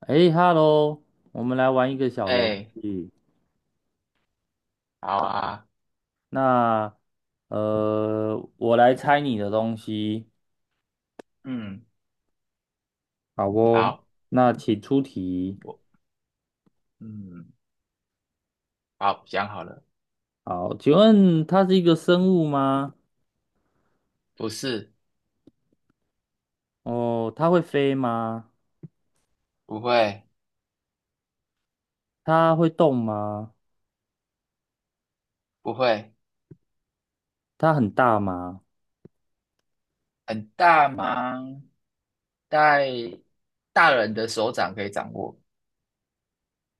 哎，Hello，我们来玩一个小游哎，戏。好啊，那我来猜你的东西，嗯，好哦。好，那请出题。我嗯，好，想好了，好，请问它是一个生物吗？不是，哦，它会飞吗？不会，它会动吗？不会，它很大吗？很大吗？在大人的手掌可以掌握，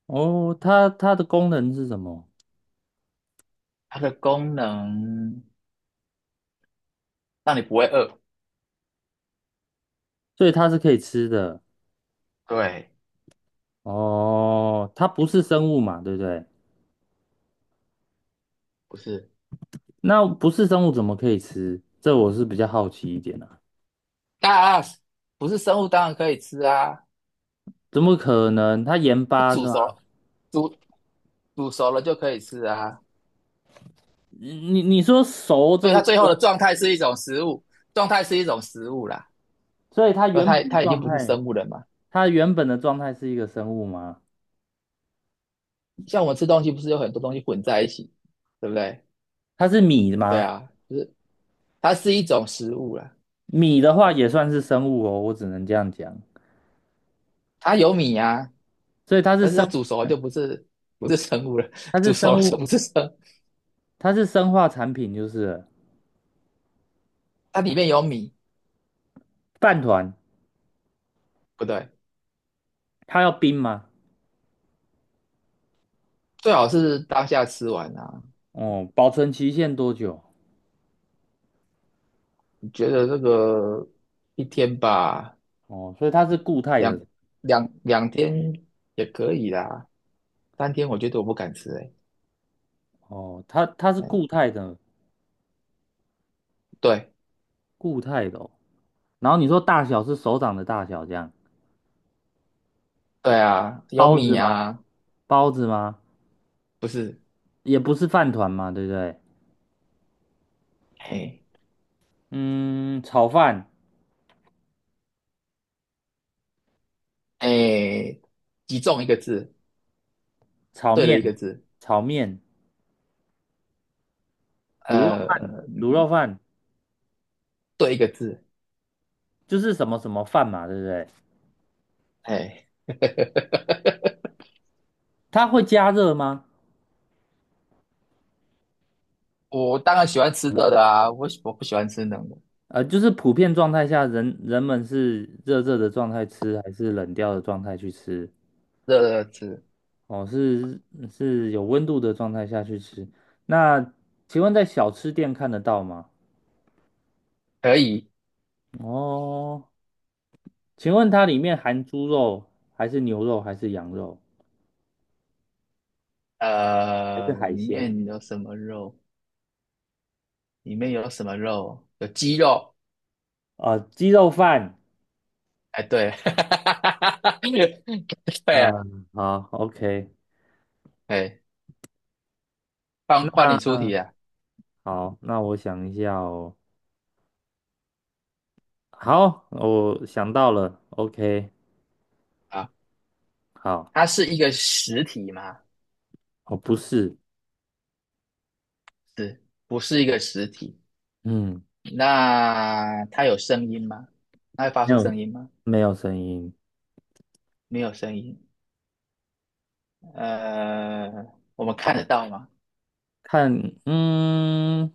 哦，它的功能是什么？它的功能让你不会饿。所以它是可以吃的。对，哦，它不是生物嘛，对不对？不是，那不是生物怎么可以吃？这我是比较好奇一点啊。大不是生物，当然可以吃啊，怎么可能？它盐巴是煮吗？熟了煮煮熟了就可以吃啊。你说熟这所以它个最后的过状态是一种食物，状态是一种食物啦。所以它那原它本的它已经状不是态，生物了嘛？它原本的状态是一个生物吗？像我们吃东西不是有很多东西混在一起，对不对？它是米对吗？啊，就是它是一种食物啦，米的话也算是生物哦，我只能这样讲。它有米啊，所以它是但是生，它煮熟了就不是生物了，它是煮熟了生物，就不是生物，它是生化产品，就是了它里面有米，饭团，不对，它要冰吗？最好是当下吃完啊。哦，保存期限多久？我觉得这个1天吧，哦，所以它是固态两的。两天也可以啦，3天我觉得我不敢吃、欸，哦，它是哎，固态的，对固态的哦。然后你说大小是手掌的大小这样，对啊，有包子米吗？啊，包子吗？不是，也不是饭团嘛，对不对？哎嗯，炒饭、哎，集中一个字。炒对了一面、个字，炒面、卤肉饭、呃，卤肉饭，对一个字，就是什么什么饭嘛，对不对？哎，它会加热吗？我当然喜欢吃热的啊，我不喜欢吃冷的，就是普遍状态下，人们是热热的状态吃，还是冷掉的状态去吃？热的吃哦，是是有温度的状态下去吃。那请问在小吃店看得到吗？可以，哦，请问它里面含猪肉，还是牛肉，还是羊肉，还是海里鲜？面有什么肉？里面有什么肉？有鸡肉，啊，鸡肉饭，哎，对，对啊，嗯，好，OK，哎，换换你出题嗯啊，好，那我想一下哦，好，我想到了，OK，啊，好，它是一个实体吗？哦，不是，是，不是一个实体？嗯，那它有声音吗？它会发没出有，声音吗？没有声音，没有声音。呃，我们看得到吗？看，嗯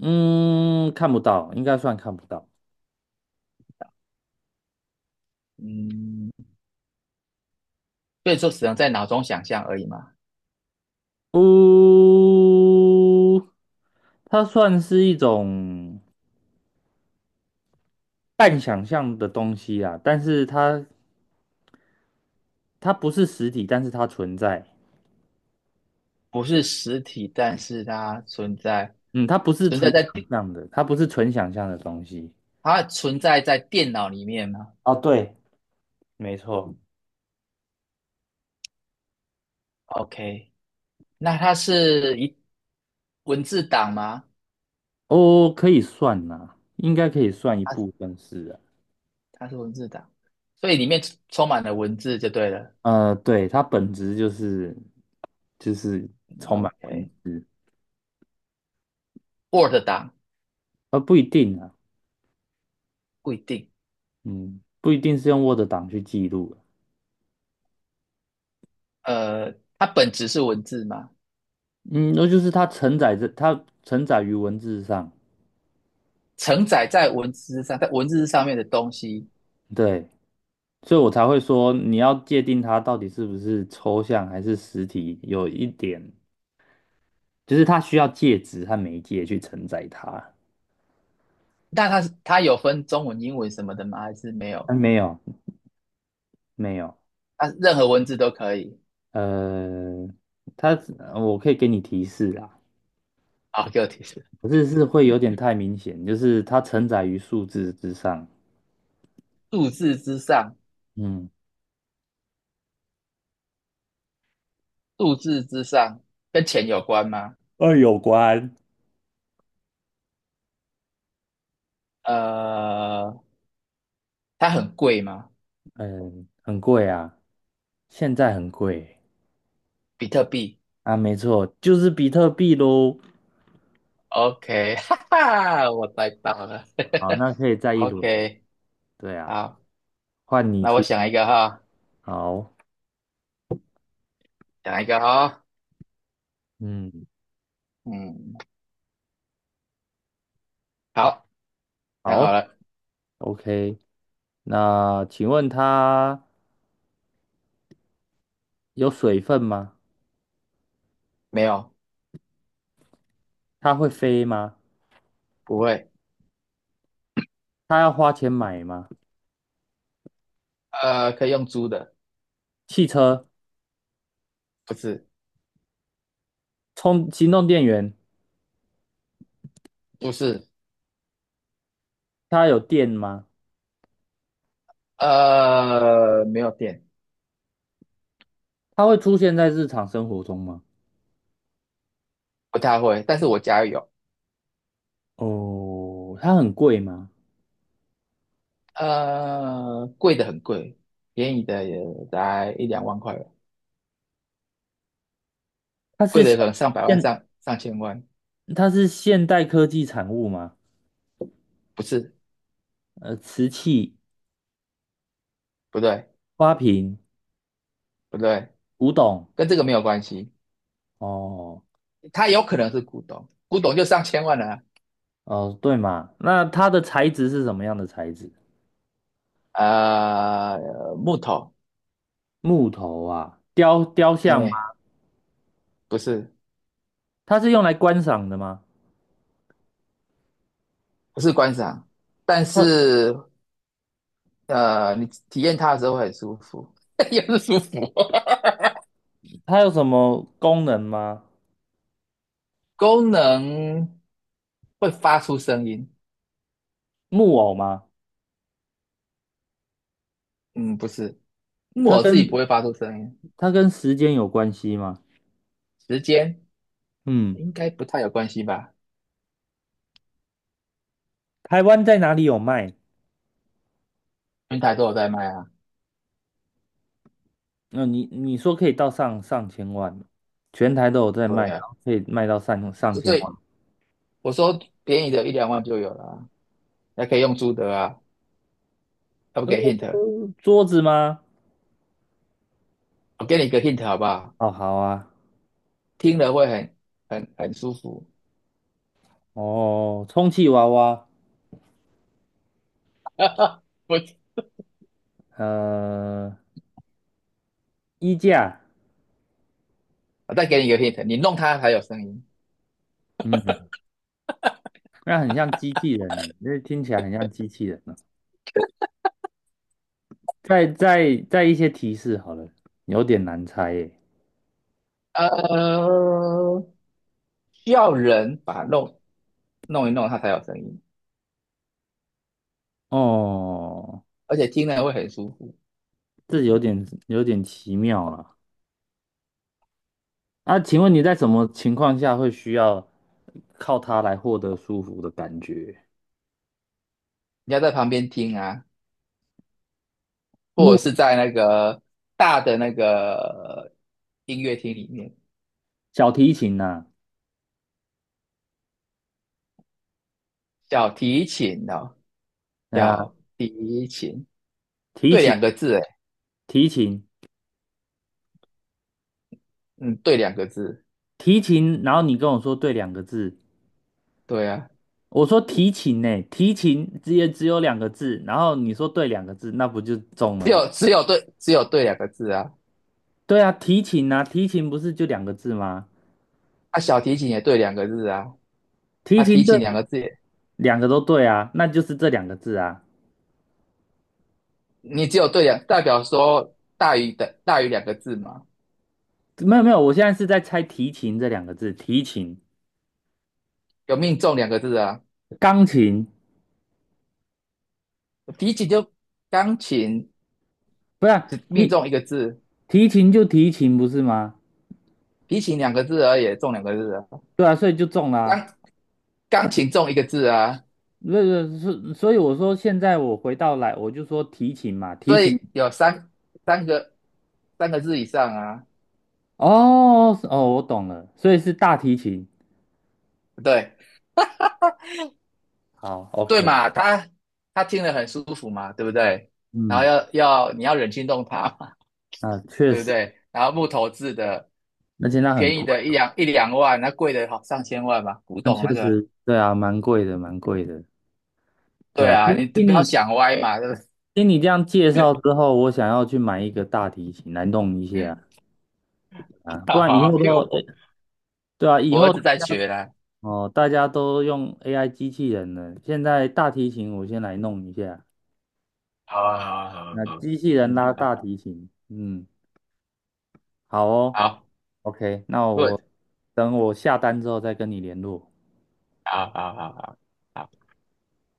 嗯，看不到，应该算看不到，嗯，所以说只能在脑中想象而已嘛，呜、它算是一种半想象的东西啊，但是它它不是实体，但是它存在。不是实体，但是它存在，嗯，它不是存在纯在想电，象的，它不是纯想象的东西。它存在在电脑里面吗哦，对，没错，？OK，那它是文字档吗？哦，可以算呐、应该可以算一部它分是啊。它是文字档，所以里面充满了文字就对了。呃，对，它本质就是充满 OK，Word 文字，档呃，不一定啊，不一定，嗯，不一定是用 Word 档去记录啊呃，它本质是文字吗？嗯，那就是它承载于文字上，承载在文字上，在文字上面的东西对，所以我才会说你要界定它到底是不是抽象还是实体，有一点就是它需要介质和媒介去承载它。那它有分中文、英文什么的吗？还是没有？啊，没有，没有，它任何文字都可以。呃，它我可以给你提示啊，好，给我提示。可是是会有点太明显，就是它承载于数字之上。数字之上，嗯数字之上跟钱有关吗？二有关，呃，它很贵吗？嗯，很贵啊，现在很贵比特币啊，没错，就是比特币喽。？OK，哈哈，我猜到了。好，那 可以再一轮。OK，对啊，好，换你那我出。想一个哈，好，想一个哈。嗯，嗯，好，想好好了。，OK。那请问它有水分吗？没有？它会飞吗？不会。它要花钱买吗？可以用租的，汽车不是，充行动电源，不是。它有电吗？没有电。它会出现在日常生活中吗？不太会，但是我家有，哦，它很贵吗？贵的很贵，便宜的也才一两万块吧，它贵是的现可能上百万、现上千万，它是现代科技产物吗？不是，呃，瓷器、不对，花瓶、不对，古董。跟这个没有关系，哦它有可能是古董，古董就上千万了。哦，对嘛，那它的材质是什么样的材质？木头，木头啊，雕像吗？哎，不是，它是用来观赏的吗？不是观赏，但它是你体验它的时候会很舒服，也是舒服，它有什么功能吗？功能会发出声音，木偶吗？嗯，不是。它我自己不跟会发出声音，它跟时间有关系吗？时间嗯，应该不太有关系吧？台湾在哪里有卖？平台都有在卖啊，那、你说可以到上上千万，全台都有在卖，对然啊，后可以卖到上上这千最万。我说便宜的一两万就有了啊，还可以用租的啊，要不给 hint，桌子吗？我给你一个 hint 好不好？哦，好啊，听了会很舒服。哦，充气娃娃，不，呃，衣架，我再给你一个 hint，你弄它才有声音。嗯，那很像机器人呢，那听起来很像机器人呢。再一些提示好了，有点难猜耶。呃，需要人把它弄一弄，它才有声音，哦，而且听了会很舒服。这有点有点奇妙了。那请问你在什么情况下会需要靠它来获得舒服的感觉？你要在旁边听啊，或者是在那个大的那个音乐厅里面，小提琴呐、小提琴哦，哎呀，小提琴，提对琴，两个字，诶，提琴，嗯，对两个字，提琴。然后你跟我说对两个字，对啊，我说提琴呢、提琴只也只有两个字，然后你说对两个字，那不就中只了吗？有只有对只有对两个字啊，对啊，提琴啊，提琴不是就两个字吗？啊，小提琴也对两个字啊，提啊，提琴对，琴两个字也，两个都对啊，那就是这两个字啊。你只有对两，代表说大于两个字嘛，没有没有，我现在是在猜提琴这两个字，提琴、有命中两个字啊，钢琴。提琴就钢琴不是啊就命提中一个字，提琴就提琴不是吗？提琴两个字而已，中两个字啊。对啊，所以就中啦、啊。钢钢琴中一个字啊，不是，是所以我说现在我回到来，我就说提琴嘛，提所琴。以有三个三个字以上啊，哦是哦，我懂了，所以是大提琴。对好对，OK，嘛，他听了很舒服嘛，对不对？然后嗯，你要忍心动他嘛，啊，确对不实，而且对？然后木头制的，那现在很便宜贵，的一两万，那贵的好上千万嘛，古那董确那个，实，对啊，蛮贵的，蛮贵的。对对啊，啊，听你听不要你想歪嘛，对不对？听你这样介 绍之后，我想要去买一个大提琴来弄一下啊，不好然以好，后因为都，我对啊，以我儿后。子在学啦，哦，大家都用 AI 机器人了。现在大提琴我先来弄一下，好啊，好啊，好啊，那好啊，机器人嗯，拉好，大提琴，嗯，好哦好，OK，那我，good，等我下单之后再跟你联络。好好好好好。